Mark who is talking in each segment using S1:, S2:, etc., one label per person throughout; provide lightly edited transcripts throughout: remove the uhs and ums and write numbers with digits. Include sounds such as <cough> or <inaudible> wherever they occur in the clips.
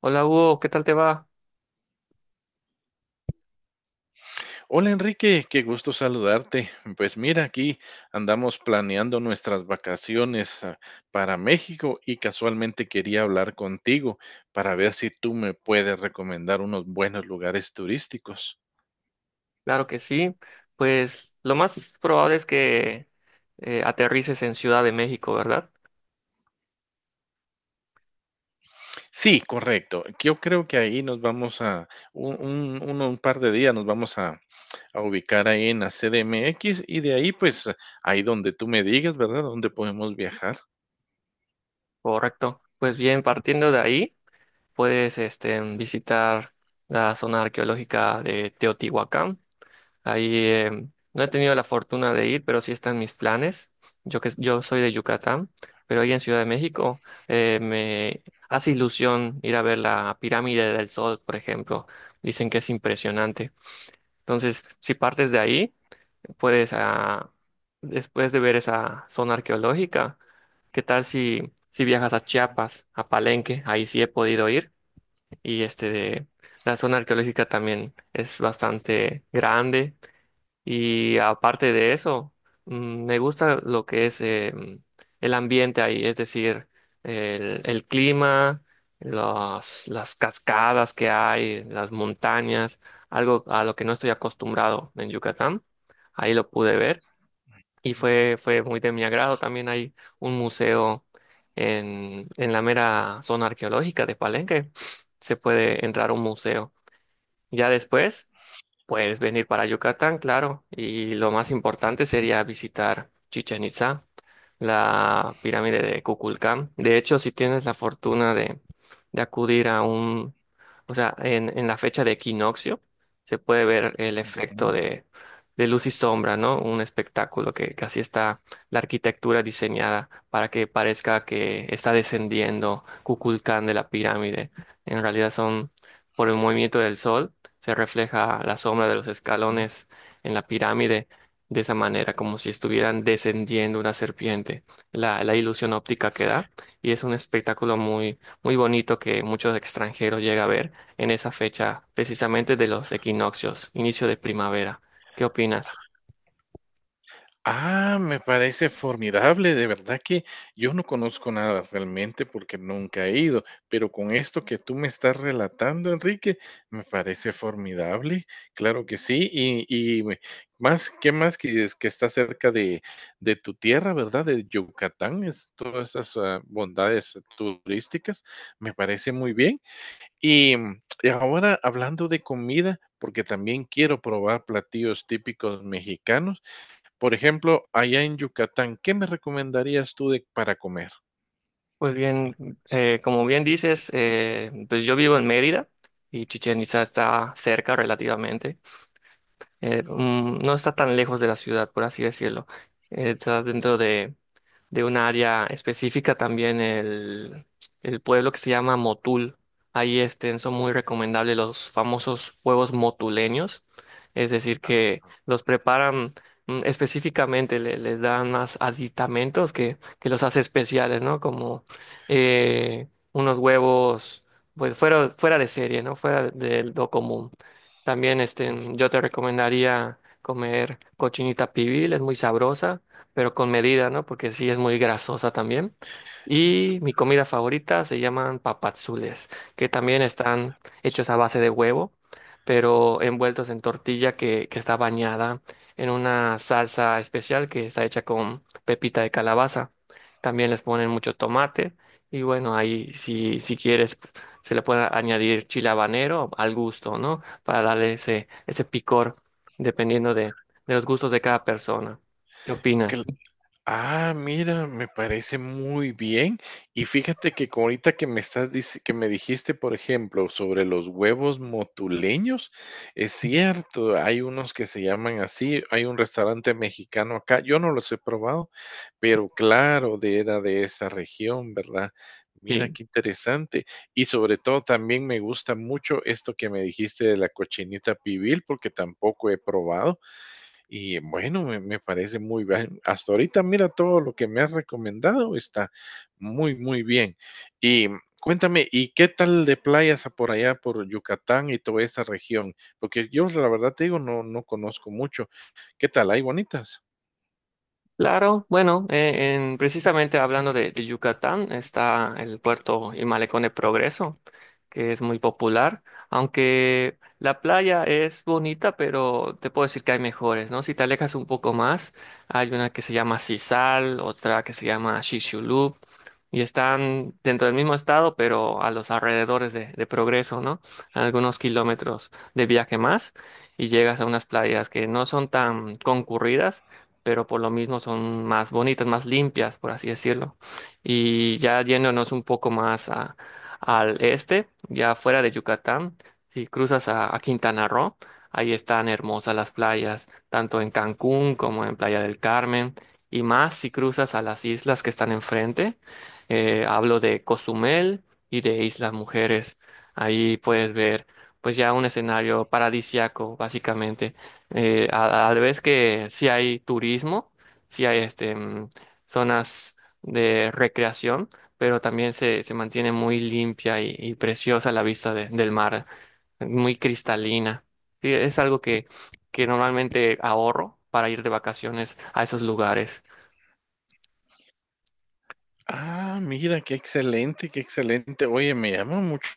S1: Hola Hugo, ¿qué tal te va?
S2: Hola Enrique, qué gusto saludarte. Pues mira, aquí andamos planeando nuestras vacaciones para México y casualmente quería hablar contigo para ver si tú me puedes recomendar unos buenos lugares turísticos.
S1: Claro que sí. Pues lo más probable es que aterrices en Ciudad de México, ¿verdad?
S2: Sí, correcto. Yo creo que ahí nos vamos a un par de días, nos vamos a ubicar ahí en la CDMX y de ahí, pues, ahí donde tú me digas, ¿verdad? Dónde podemos viajar.
S1: Correcto. Pues bien, partiendo de ahí, puedes este, visitar la zona arqueológica de Teotihuacán. Ahí no he tenido la fortuna de ir, pero sí están mis planes. Yo, que, yo soy de Yucatán, pero ahí en Ciudad de México me hace ilusión ir a ver la Pirámide del Sol, por ejemplo. Dicen que es impresionante. Entonces, si partes de ahí, puedes, después de ver esa zona arqueológica, ¿qué tal si, si viajas a Chiapas, a Palenque? Ahí sí he podido ir y este de, la zona arqueológica también es bastante grande, y aparte de eso, mm, me gusta lo que es el ambiente ahí, es decir, el clima, las cascadas que hay, las montañas, algo a lo que no estoy acostumbrado en Yucatán. Ahí lo pude ver y fue muy de mi agrado. También hay un museo en la mera zona arqueológica de Palenque. <sniffs> Se puede entrar a un museo. Ya después puedes venir para Yucatán, claro, y lo más importante sería visitar Chichen Itzá, la pirámide de Kukulcán. De hecho, si tienes la fortuna de acudir a un, o sea, en la fecha de equinoccio, se puede ver el efecto
S2: Ujú,
S1: de luz y sombra, ¿no? Un espectáculo que así está la arquitectura diseñada para que parezca que está descendiendo Kukulcán de la pirámide. En realidad son por el movimiento del sol se refleja la sombra de los
S2: ujú.
S1: escalones en la pirámide de esa manera, como si estuvieran descendiendo una serpiente, la ilusión óptica que da, y es un espectáculo muy, muy bonito que muchos extranjeros llegan a ver en esa fecha, precisamente de los equinoccios, inicio de primavera. ¿Qué opinas?
S2: Ah, me parece formidable, de verdad que yo no conozco nada realmente porque nunca he ido, pero con esto que tú me estás relatando, Enrique, me parece formidable, claro que sí, y, y me- más, ¿qué más que es que está cerca de tu tierra, ¿verdad? De Yucatán, es, todas esas bondades turísticas, me parece muy bien. Y, y ahora hablando de comida, porque también quiero probar platillos típicos mexicanos. Por ejemplo, allá en Yucatán, ¿qué me recomendarías tú de, para comer?
S1: Pues bien, como bien dices, pues yo vivo en Mérida y Chichén Itzá está cerca relativamente. No está tan lejos de la ciudad, por así decirlo. Está dentro de un área específica, también el pueblo que se llama Motul. Ahí este, son muy recomendables los famosos huevos motuleños, es decir, que los preparan mm, específicamente, les dan más aditamentos que los hace especiales, ¿no? Como unos huevos, pues fuera, fuera de serie, ¿no? Fuera de lo común. También este, yo te recomendaría comer cochinita pibil, es muy sabrosa pero con medida, ¿no? Porque sí es muy grasosa también. Y mi comida favorita se llaman papadzules, que también están hechos a base de huevo, pero envueltos en tortilla que está bañada en una salsa especial que está hecha con pepita de calabaza. También les ponen mucho tomate y bueno, ahí si, si quieres se le puede añadir chile habanero al gusto, ¿no? Para darle ese, ese picor dependiendo de los gustos de cada persona. ¿Qué opinas?
S2: Ah, mira, me parece muy bien. Y fíjate que co- ahorita que me estás dic- que me dijiste, por ejemplo, sobre los huevos motuleños, es cierto, hay unos que se llaman así, hay un restaurante mexicano acá, yo no los he probado, pero claro, de era de esa región, ¿verdad? Mira
S1: Sí,
S2: qué interesante. Y sobre todo también me gusta mucho esto que me dijiste de la cochinita pibil, porque tampoco he probado. Y bueno, me parece muy bien. Hasta ahorita, mira, todo lo que me has recomendado está muy, muy bien. Y cuéntame, ¿y qué tal de playas por allá, por Yucatán y toda esa región? Porque yo, la verdad te digo, no, no conozco mucho. ¿Qué tal? ¿Hay bonitas?
S1: claro. Bueno, precisamente hablando de Yucatán, está el puerto y malecón de Progreso. Que es muy popular, aunque la playa es bonita, pero te puedo decir que hay mejores, ¿no? Si te alejas un poco más, hay una que se llama Sisal, otra que se llama Shishulub, y están dentro del mismo estado, pero a los alrededores de Progreso, ¿no? A algunos kilómetros de viaje más, y llegas a unas playas que no son tan concurridas. Pero por lo mismo son más bonitas, más limpias, por así decirlo. Y ya yéndonos un poco más al este, ya fuera de Yucatán, si cruzas a Quintana Roo, ahí están hermosas las playas, tanto en Cancún como en Playa del Carmen, y más si cruzas a las islas que están enfrente. Hablo de Cozumel y de Islas Mujeres. Ahí puedes ver, pues ya un escenario paradisiaco, básicamente. A, a la vez que sí hay turismo, sí hay este, mm, zonas de recreación pero también se mantiene muy limpia y preciosa la vista del mar, muy cristalina. Sí, es algo que normalmente ahorro para ir de vacaciones a esos lugares.
S2: Ah, mira, qué excelente, qué excelente. Oye, me llama mucho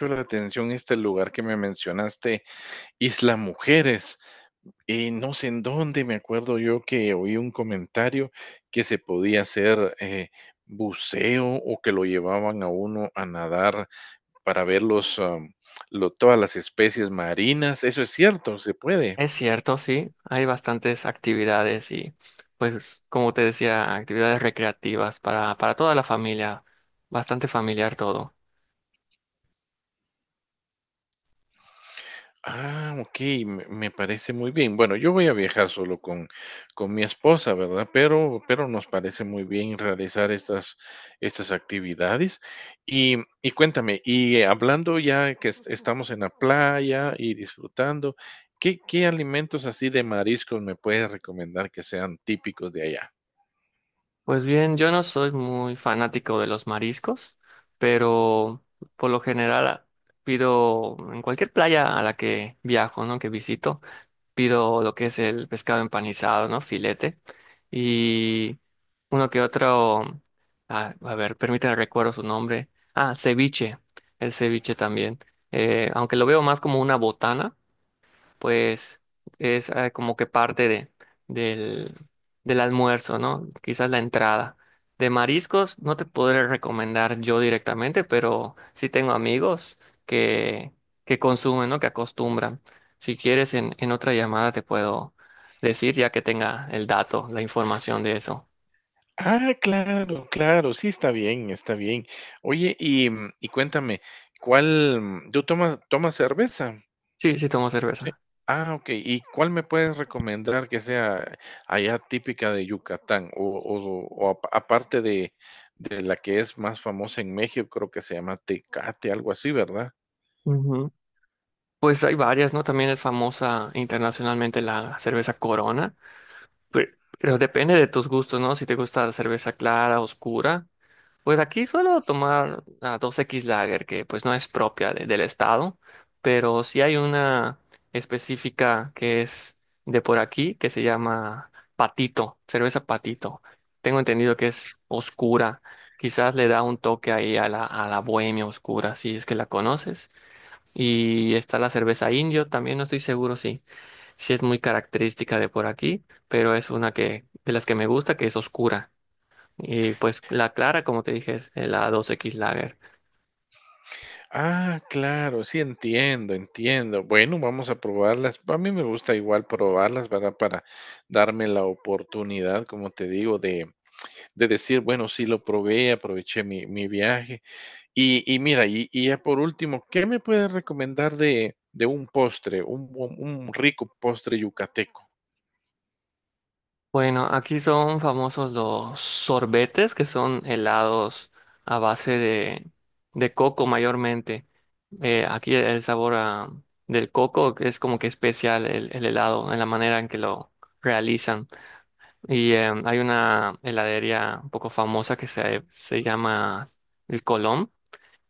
S2: la atención este lugar que me mencionaste, Isla Mujeres. Y no sé en dónde, me acuerdo yo que oí un comentario que se podía hacer buceo o que lo llevaban a uno a nadar para ver todas las especies marinas. Eso es cierto, se puede.
S1: Es cierto, sí, hay bastantes actividades y, pues, como te decía, actividades recreativas para toda la familia, bastante familiar todo.
S2: Ah, ok, me parece muy bien. Bueno, yo voy a viajar solo con mi esposa, ¿verdad? Pero nos parece muy bien realizar estas estas actividades. Y y cuéntame, y hablando ya que es estamos en la playa y disfrutando, ¿qué qué alimentos así de mariscos me puedes recomendar que sean típicos de allá?
S1: Pues bien, yo no soy muy fanático de los mariscos, pero por lo general pido en cualquier playa a la que viajo, ¿no? Que visito, pido lo que es el pescado empanizado, ¿no? Filete y uno que otro, a ver, permítame recuerdo su nombre. Ah, ceviche, el ceviche también. Aunque lo veo más como una botana pues es como que parte de, del, del almuerzo, ¿no? Quizás la entrada. De mariscos no te podré recomendar yo directamente, pero sí tengo amigos que, que consumen, ¿no? Que acostumbran. Si quieres, en otra llamada te puedo decir ya que tenga el dato, la información de eso.
S2: Ah, claro, claro, sí, está bien, está bien. Oye, y, y cuéntame, ¿cuál, tú tomas, tomas cerveza?
S1: Sí, sí tomo cerveza.
S2: Ah, ok. ¿Y cuál me puedes recomendar que sea allá típica de Yucatán? O, aparte de la que es más famosa en México, creo que se llama Tecate, algo así, ¿verdad?
S1: Ujú. Pues hay varias, ¿no? También es famosa internacionalmente la cerveza Corona. Pero, pero depende de tus gustos, ¿no? Si te gusta la cerveza clara, oscura. Pues aquí suelo tomar la 2X Lager, que pues no es propia del estado, pero sí hay una específica que es de por aquí, que se llama Patito, cerveza Patito. Tengo entendido que es oscura. Quizás le da un toque ahí a la bohemia oscura, si es que la conoces. Y está la cerveza Indio, también no estoy seguro, sí es muy característica de por aquí, pero es una que de las que me gusta, que es oscura. Y pues la clara, como te dije, es la 2X Lager.
S2: Ah, claro, sí, entiendo, entiendo. Bueno, vamos a probarlas. A mí me gusta igual probarlas, ¿verdad? Para darme la oportunidad, como te digo, de decir, bueno, sí lo probé, aproveché mi, mi viaje. Y mira, y ya por último, ¿qué me puedes recomendar de un postre, un rico postre yucateco?
S1: Bueno, aquí son famosos los sorbetes, que son helados a base de coco mayormente. Aquí el sabor del coco es como que especial el helado en la manera en que lo realizan. Y hay una heladería un poco famosa que se llama El Colón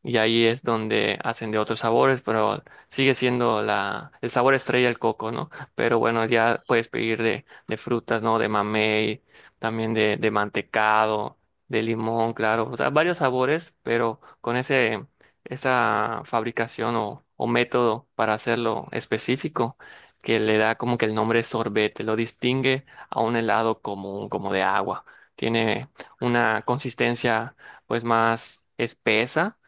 S1: y ahí es donde hacen de otros sabores, pero sigue siendo la, el sabor estrella el coco, ¿no? Pero bueno, ya puedes pedir de frutas, ¿no? De mamey, también de mantecado, de limón, claro, o sea, varios sabores, pero con ese, esa fabricación o método para hacerlo específico. Que le da como que el nombre sorbete, lo distingue a un helado común, como de agua. Tiene una consistencia pues más espesa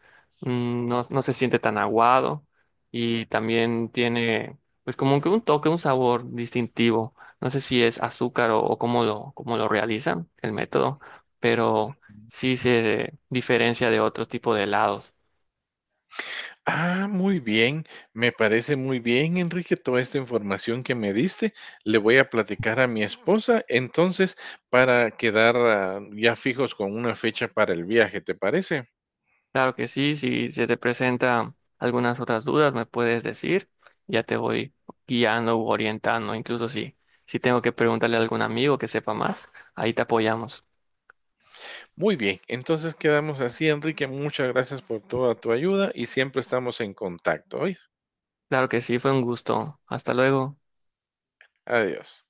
S1: mm, no, no se siente tan aguado y también tiene pues como que un toque, un sabor distintivo. No sé si es azúcar o cómo lo realizan el método, pero sí se diferencia de otro tipo de helados.
S2: Ah, muy bien, me parece muy bien, Enrique, toda esta información que me diste. Le voy a platicar a mi esposa, entonces, para quedar ya fijos con una fecha para el viaje, ¿te parece?
S1: Claro que sí, si se te presentan algunas otras dudas, me puedes decir, ya te voy guiando u orientando, incluso si, si tengo que preguntarle a algún amigo que sepa más, ahí te apoyamos.
S2: Muy bien, entonces quedamos así, Enrique. Muchas gracias por toda tu ayuda y siempre estamos en contacto. ¿Oíste?
S1: Claro que sí, fue un gusto. Hasta luego.
S2: Adiós.